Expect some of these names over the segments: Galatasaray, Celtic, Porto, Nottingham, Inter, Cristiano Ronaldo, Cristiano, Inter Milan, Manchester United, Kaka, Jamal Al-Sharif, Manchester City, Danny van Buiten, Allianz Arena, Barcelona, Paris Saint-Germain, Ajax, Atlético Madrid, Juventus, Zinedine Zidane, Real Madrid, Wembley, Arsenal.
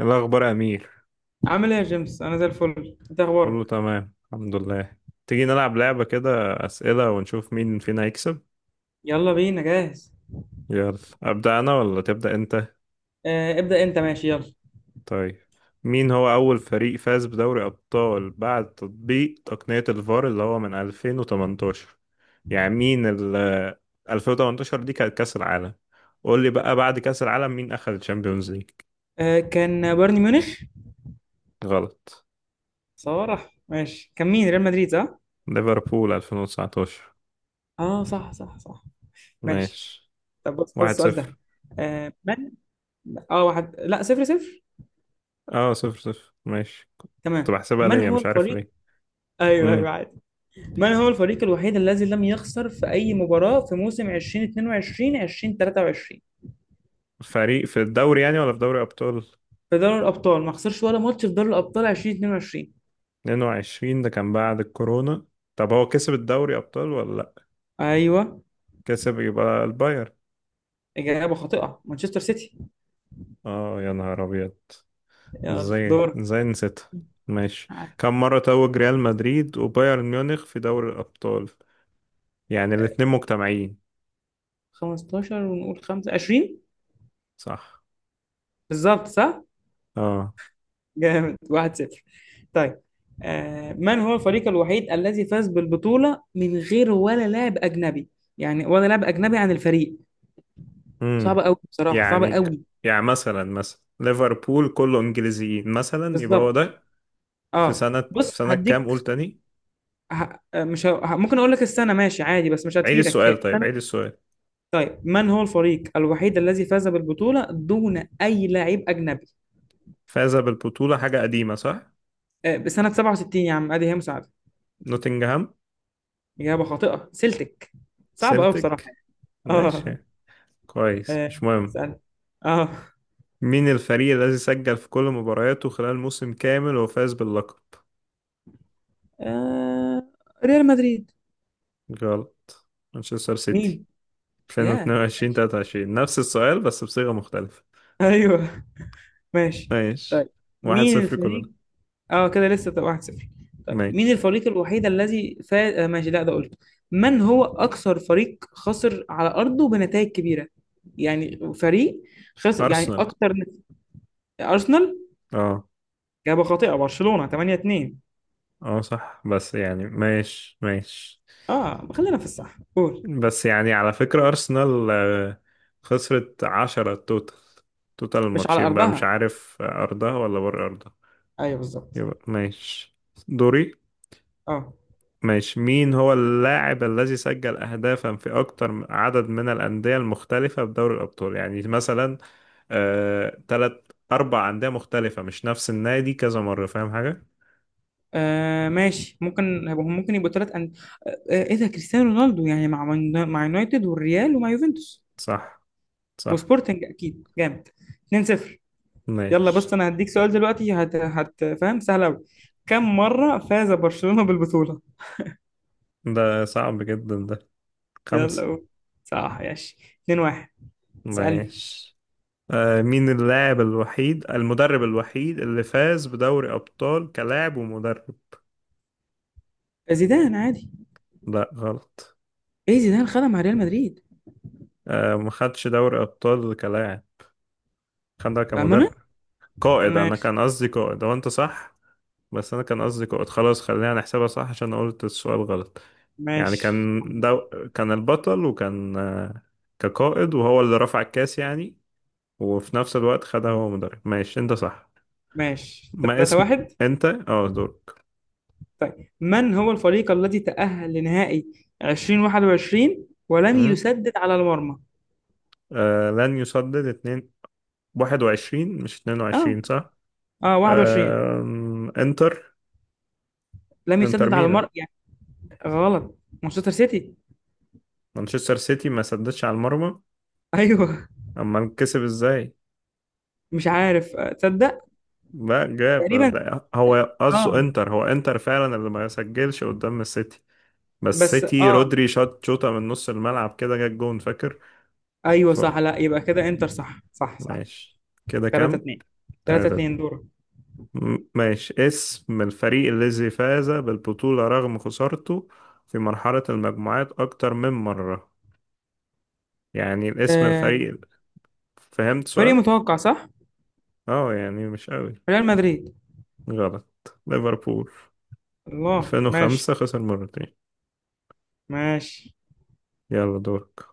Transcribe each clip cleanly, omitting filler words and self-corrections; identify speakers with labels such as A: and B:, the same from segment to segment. A: إيه الأخبار يا أمير؟
B: عامل ايه يا جيمس، انا زي الفل. انت اخبارك؟
A: كله تمام الحمد لله. تيجي نلعب لعبة كده، أسئلة ونشوف مين فينا هيكسب.
B: يلا بينا، جاهز.
A: يلا أبدأ أنا ولا تبدأ أنت؟
B: ابدأ انت، ماشي. يلا،
A: طيب، مين هو أول فريق فاز بدوري أبطال بعد تطبيق تقنية الفار، اللي هو من 2018؟ يعني مين ال 2018 دي كانت كأس العالم، قول لي بقى بعد كأس العالم مين أخذ الشامبيونز ليج؟
B: كان بايرن ميونخ.
A: غلط.
B: صراحة ماشي، كان مين؟ ريال مدريد، صح.
A: ليفربول 2019.
B: اه، صح صح صح. ماشي.
A: ماشي.
B: طب بص، خد
A: واحد
B: السؤال ده.
A: صفر.
B: آه من اه، واحد، لا، صفر صفر.
A: اه صفر صفر ماشي. كنت
B: تمام.
A: بحسبها
B: من
A: ليا،
B: هو
A: مش عارف
B: الفريق؟
A: ليه.
B: ايوه ايوه،
A: امم
B: عادي. من هو الفريق الوحيد الذي لم يخسر في اي مباراة في موسم 2022 2023؟
A: فريق في الدوري يعني ولا في دوري ابطال؟
B: في دوري الابطال ما خسرش ولا ماتش في دوري الابطال 2022.
A: 22 ده كان بعد الكورونا، طب هو كسب الدوري ابطال ولا لا؟
B: ايوه.
A: كسب، يبقى الباير.
B: اجابة خاطئة، مانشستر سيتي.
A: اه يا نهار ابيض.
B: يلا
A: ازاي
B: دور.
A: ازاي نسيتها. ماشي. كم مرة توج ريال مدريد وبايرن ميونخ في دوري الابطال؟ يعني الاتنين مجتمعين.
B: 15 ونقول 5، 20.
A: صح.
B: بالظبط، صح؟
A: اه.
B: جامد، 1-0. طيب، من هو الفريق الوحيد الذي فاز بالبطولة من غير ولا لاعب أجنبي؟ يعني ولا لاعب أجنبي عن الفريق.
A: امم
B: صعبة أوي بصراحة،
A: يعني
B: صعبة
A: ك...
B: أوي.
A: يعني مثلا، مثلا ليفربول كله انجليزيين مثلا، يبقى هو
B: بالظبط.
A: ده. في
B: اه
A: سنة في
B: بص
A: سنة كام؟
B: هديك.
A: قول تاني.
B: ه... آه، مش ه... ه- ممكن اقول لك السنه، ماشي عادي، بس مش
A: عيد
B: هتفيدك، هي
A: السؤال، طيب
B: سنه.
A: عيد السؤال.
B: طيب، من هو الفريق الوحيد الذي فاز بالبطوله دون اي لاعب اجنبي؟
A: فاز بالبطولة حاجة قديمة صح؟
B: بسنه 67، يا عم ادي هي مساعده.
A: نوتنجهام.
B: إجابة خاطئة، سلتك. صعبة أوي بصراحة.
A: سيلتيك.
B: آه،
A: ماشي، كويس،
B: آه،
A: مش مهم.
B: اسأل. آه،
A: مين الفريق الذي سجل في كل مبارياته خلال موسم كامل وفاز باللقب؟
B: آه، ريال مدريد.
A: غلط. مانشستر سيتي
B: مين؟ يا
A: 2022
B: ماشي.
A: 23، نفس السؤال بس بصيغة مختلفة.
B: أيوه. ماشي.
A: ماشي.
B: طيب،
A: واحد
B: مين
A: صفر كلنا.
B: الفريق؟ كده لسه، طب 1-0. طيب، مين
A: ماشي.
B: الفريق الوحيد الذي فاز؟ ماشي، لا ده قلته. من هو أكثر فريق خسر على أرضه بنتائج كبيرة؟ يعني فريق خسر يعني
A: أرسنال.
B: أكثر. أرسنال.
A: اه.
B: إجابة خاطئة، برشلونة 8-2.
A: اه صح، بس يعني ماشي ماشي.
B: خلينا في الصح، قول.
A: بس يعني على فكرة أرسنال خسرت 10 توتال، توتال
B: مش على
A: الماتشين بقى مش
B: أرضها.
A: عارف أرضها ولا بره أرضها.
B: ايوه، بالظبط.
A: يبقى ماشي. دوري.
B: اه.
A: ماشي. مين هو اللاعب الذي سجل أهدافا في أكتر عدد من الأندية المختلفة بدوري الأبطال؟ يعني مثلا تلات أربع أندية مختلفة، مش نفس النادي كذا مرة. فاهم حاجة؟
B: ماشي، ممكن يبقوا ثلاث أن... آه، آه، ايه ده، كريستيانو رونالدو. يعني مع مع يونايتد والريال ومع يوفنتوس
A: صح. صح.
B: وسبورتنج اكيد، جامد. 2-0. يلا، بس
A: ماشي.
B: انا هديك سؤال دلوقتي، هت هت فاهم، سهل قوي. كم مرة فاز برشلونة بالبطولة؟
A: ده صعب جدا ده.
B: يلا
A: خمسة.
B: قول. صح، ماشي. 2-1. اسألني.
A: ماشي. مين اللاعب الوحيد، المدرب الوحيد اللي فاز بدوري أبطال كلاعب ومدرب؟
B: زيدان، عادي.
A: لا غلط.
B: ايه زيدان خدها مع ريال مدريد.
A: ما خدش دوري أبطال كلاعب، خدها
B: بأمانة.
A: كمدرب. قائد، أنا
B: ماشي.
A: كان قصدي قائد، هو أنت صح. بس أنا كان قصدي قائد، خلاص خلينا نحسبها صح عشان أنا قلت السؤال غلط. يعني
B: ماشي.
A: كان البطل، وكان كقائد وهو اللي رفع الكاس يعني، وفي نفس الوقت خدها هو مدرب. ماشي أنت صح.
B: ماشي.
A: ما اسم.
B: 3-1.
A: أنت اه دورك.
B: طيب، من هو الفريق الذي تأهل لنهائي 2021 ولم
A: مم.
B: يسدد على المرمى؟
A: آه لن يسدد. 2-2. 21 مش
B: اه.
A: 22 صح؟
B: اه، 21.
A: انتر.
B: لم
A: انتر
B: يسدد على
A: ميلان.
B: المرمى يعني. غلط، مانشستر سيتي.
A: مانشستر سيتي ما سددش على المرمى؟
B: ايوه.
A: اما كسب ازاي.
B: مش عارف، تصدق.
A: لا
B: تقريبا.
A: هو قصده
B: اه.
A: انتر، هو انتر فعلا اللي ما سجلش قدام السيتي. بس
B: بس
A: سيتي
B: اه،
A: رودري شاط شوطة من نص الملعب كده، جت جون، فاكر؟
B: ايوه
A: ف...
B: صح، لا يبقى كده انتر، صح صح صح.
A: ماشي. كده
B: 3
A: كام؟
B: 2. 3
A: تلاتة اتنين.
B: 2، دورك.
A: ماشي. اسم الفريق الذي فاز بالبطولة رغم خسارته في مرحلة المجموعات أكتر من مرة. يعني الاسم
B: آه،
A: الفريق. فهمت
B: فريق
A: سؤال؟
B: متوقع صح؟
A: اه يعني مش قوي.
B: ريال مدريد.
A: غلط. ليفربول
B: الله
A: 2005،
B: ماشي.
A: خسر مرتين.
B: ماشي.
A: يلا دورك.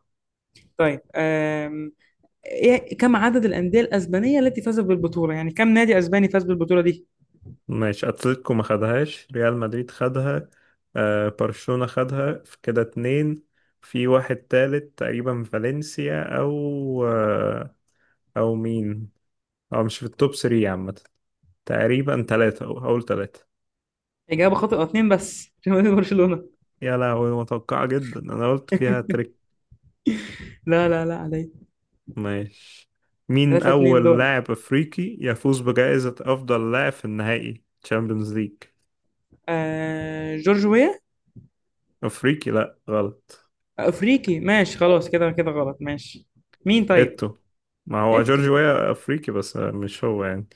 B: طيب، إيه، كم عدد الأندية الأسبانية التي فازت بالبطولة؟ يعني كم نادي أسباني فاز بالبطولة دي؟
A: ماشي اتلتيكو ما خدهاش، ريال مدريد خدها، آه برشلونة خدها، في كده اتنين. في واحد تالت تقريبا، فالنسيا او آه او مين او مش في التوب 3 عامة. تقريبا تلاتة، او اول تلاتة.
B: إجابة خاطئة، اتنين بس عشان نادي برشلونة
A: يا لهوي، متوقعة جدا انا قلت فيها.
B: لا لا لا علي.
A: ماشي. مين
B: ثلاثة اتنين،
A: أول
B: دور.
A: لاعب أفريقي يفوز بجائزة أفضل لاعب في النهائي تشامبيونز ليج؟
B: جورج ويا.
A: أفريقي، لأ غلط.
B: أفريقي، ماشي خلاص، كده كده غلط ماشي. مين طيب؟
A: إتو. ما هو
B: إيتو.
A: جورج ويا أفريقي بس مش هو يعني.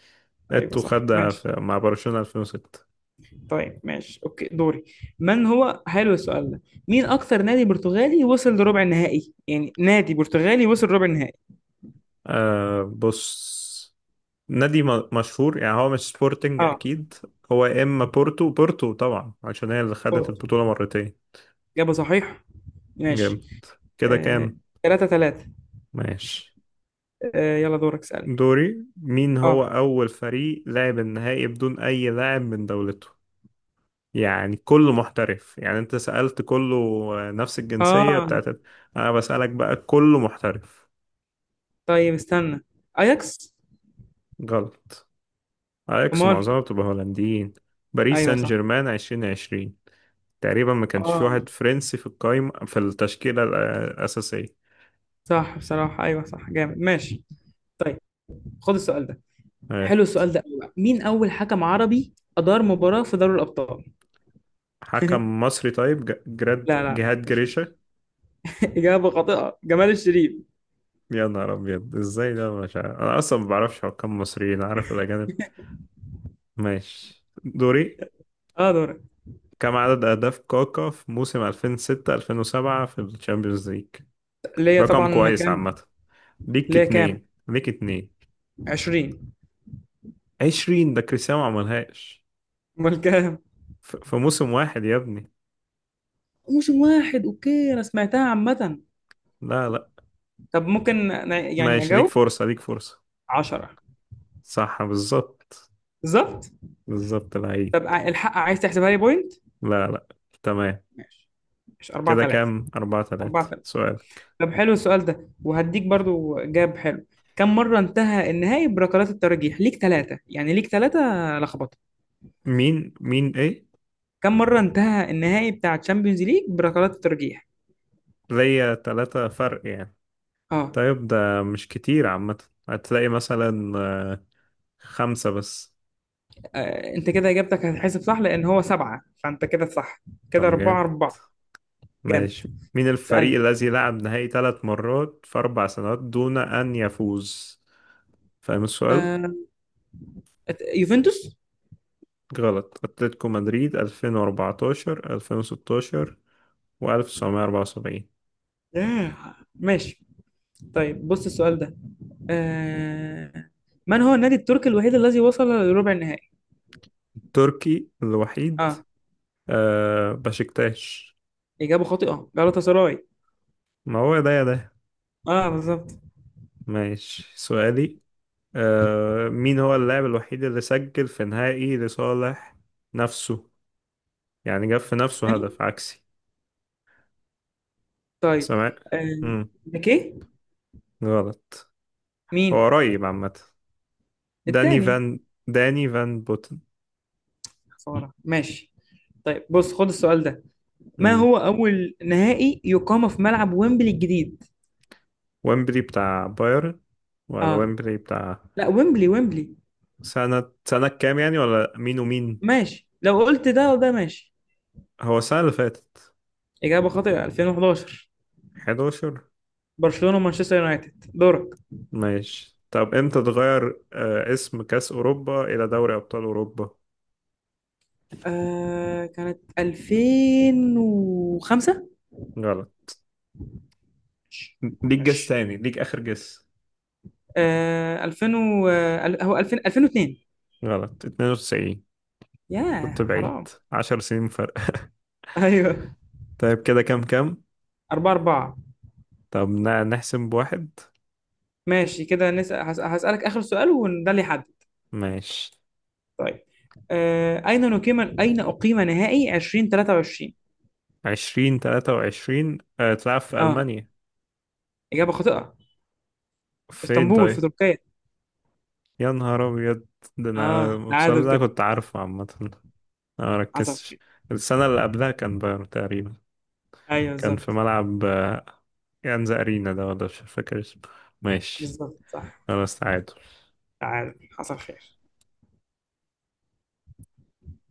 B: أيوة
A: إتو
B: صح،
A: خدها
B: ماشي.
A: في مع برشلونة 2006.
B: طيب ماشي، أوكي، دوري. من هو، حلو السؤال ده. مين أكثر نادي برتغالي وصل لربع النهائي؟ يعني نادي برتغالي وصل ربع النهائي.
A: آه بص، نادي مشهور يعني، هو مش سبورتنج أكيد. هو يا إما بورتو، بورتو طبعا عشان هي اللي خدت
B: اه،
A: البطولة مرتين.
B: إجابة صحيحة. ماشي.
A: جامد. كده
B: آه،
A: كام؟
B: تلاتة تلاتة.
A: ماشي.
B: يلا دورك، اسألني.
A: دوري. مين هو
B: اه.
A: أول فريق لعب النهائي بدون أي لاعب من دولته؟ يعني كله محترف. يعني أنت سألت كله نفس الجنسية
B: اه.
A: بتاعت، أنا بسألك بقى كله محترف.
B: طيب استنى. اياكس.
A: غلط. أياكس
B: امال؟
A: معظمها بتبقى هولنديين. باريس
B: ايوه
A: سان
B: صح.
A: جيرمان 2020، تقريبا ما كانش في
B: اه
A: واحد فرنسي في القايمة، في التشكيلة الأساسية.
B: صح بصراحة، ايوه صح، جامد ماشي. طيب، خد السؤال ده.
A: آه،
B: حلو السؤال ده أوي بقى. مين اول حكم عربي ادار مباراة في دوري الابطال؟
A: حكم مصري؟ طيب جراد،
B: لا لا لا،
A: جهاد
B: مش مصر.
A: جريشة.
B: اجابة خاطئة، جمال الشريف.
A: يا نهار أبيض، إزاي ده مش عارف. أنا أصلا ما بعرفش حكام مصريين، عارف الأجانب. ماشي. دوري.
B: اه دورك.
A: كم عدد أهداف كاكا في موسم 2006 2007 في الشامبيونز ليج؟
B: ليا
A: رقم
B: طبعا،
A: كويس
B: كام؟
A: عامة. ليك
B: ليا كام؟
A: اتنين ليك اتنين
B: 20.
A: عشرين ده كريستيانو ما عملهاش
B: امال كام؟
A: في موسم واحد يا ابني.
B: موسم واحد، اوكي، انا سمعتها عامة.
A: لا لا.
B: طب ممكن أنا يعني
A: ماشي، ليك
B: أجاوب؟
A: فرصة ليك فرصة
B: 10.
A: صح بالظبط.
B: بالظبط.
A: بالظبط لعيب.
B: طب الحق عايز تحسبها لي بوينت.
A: لا لا. تمام.
B: ماشي. مش 4
A: كده
B: 3؟
A: كام؟ أربعة تلاتة.
B: 4 3.
A: سؤالك.
B: طب، حلو السؤال ده وهديك برضو جاب حلو. كم مرة انتهى النهائي بركلات الترجيح؟ ليك ثلاثة يعني، ليك ثلاثة. لخبطة.
A: مين ايه؟
B: كم مرة انتهى النهائي بتاع تشامبيونز ليج بركلات الترجيح؟
A: ليا تلاتة فرق يعني.
B: اه.
A: طيب ده مش كتير عامة، هتلاقي مثلا خمسة بس.
B: انت كده اجابتك هتحسب صح، لان هو سبعة، فانت كده صح. كده
A: طب
B: أربعة
A: جامد.
B: أربعة. جامد.
A: ماشي. مين الفريق
B: سألني.
A: الذي لعب نهائي ثلاث مرات في أربع سنوات دون أن يفوز؟ فاهم السؤال؟
B: آه، يوفنتوس.
A: غلط. أتلتيكو مدريد 2014 2016 و1974.
B: ماشي. طيب بص السؤال ده. آه، من هو النادي التركي الوحيد الذي وصل لربع النهائي؟
A: تركي الوحيد؟
B: اه.
A: آه بشكتاش.
B: إجابة خاطئة، جالاتا سراي.
A: ما هو ده يا ده.
B: اه بالظبط.
A: ماشي. سؤالي. آه مين هو اللاعب الوحيد اللي سجل في نهائي لصالح نفسه؟ يعني جاب في نفسه
B: تاني؟
A: هدف عكسي.
B: طيب.
A: سمع؟
B: آه،
A: مم.
B: بيكيه.
A: غلط.
B: مين؟
A: هو قريب عامة. داني
B: التاني.
A: فان، داني فان بوتن.
B: خسارة، ماشي. طيب بص، خد السؤال ده. ما
A: مم.
B: هو أول نهائي يقام في ملعب ويمبلي الجديد؟
A: ويمبلي بتاع بايرن، ولا
B: اه.
A: ويمبلي بتاع؟
B: لا، ويمبلي ويمبلي.
A: سنة كام يعني، ولا مين ومين؟
B: ماشي، لو قلت ده وده ماشي.
A: هو السنة اللي فاتت.
B: إجابة خاطئة، 2011.
A: 11.
B: برشلونة ومانشستر يونايتد. دورك.
A: ماشي. طب امتى اتغير اسم كأس أوروبا إلى دوري أبطال أوروبا؟
B: كانت 2005.
A: غلط. ليك جس
B: ماشي.
A: تاني، ليك آخر جس.
B: آه 2000 و... آه، هو 2000 2002.
A: غلط، 92. كنت
B: ياه،
A: بعيد،
B: حرام.
A: 10 سنين فرق.
B: ايوه.
A: طيب كده كام؟
B: 4 4.
A: طب نحسب بواحد.
B: ماشي، كده نسأل، هسألك آخر سؤال وده اللي يحدد.
A: ماشي.
B: طيب، أين أقيم نهائي 2023؟
A: 2023، تلعب في
B: اه.
A: ألمانيا.
B: إجابة خاطئة.
A: فين
B: اسطنبول، في
A: طيب؟
B: تركيا.
A: يا نهار أبيض. ده أنا
B: اه،
A: الماتشات
B: تعادل
A: ده
B: كده.
A: كنت عارفه عامة، أنا
B: حصل
A: مركزتش.
B: خير.
A: السنة اللي قبلها كان بايرن تقريبا،
B: ايوه
A: كان
B: بالظبط.
A: في ملعب يانز أرينا ده، ولا مش فاكر اسمه. ماشي،
B: بالظبط صح.
A: خلاص تعادل.
B: تعادل، حصل خير.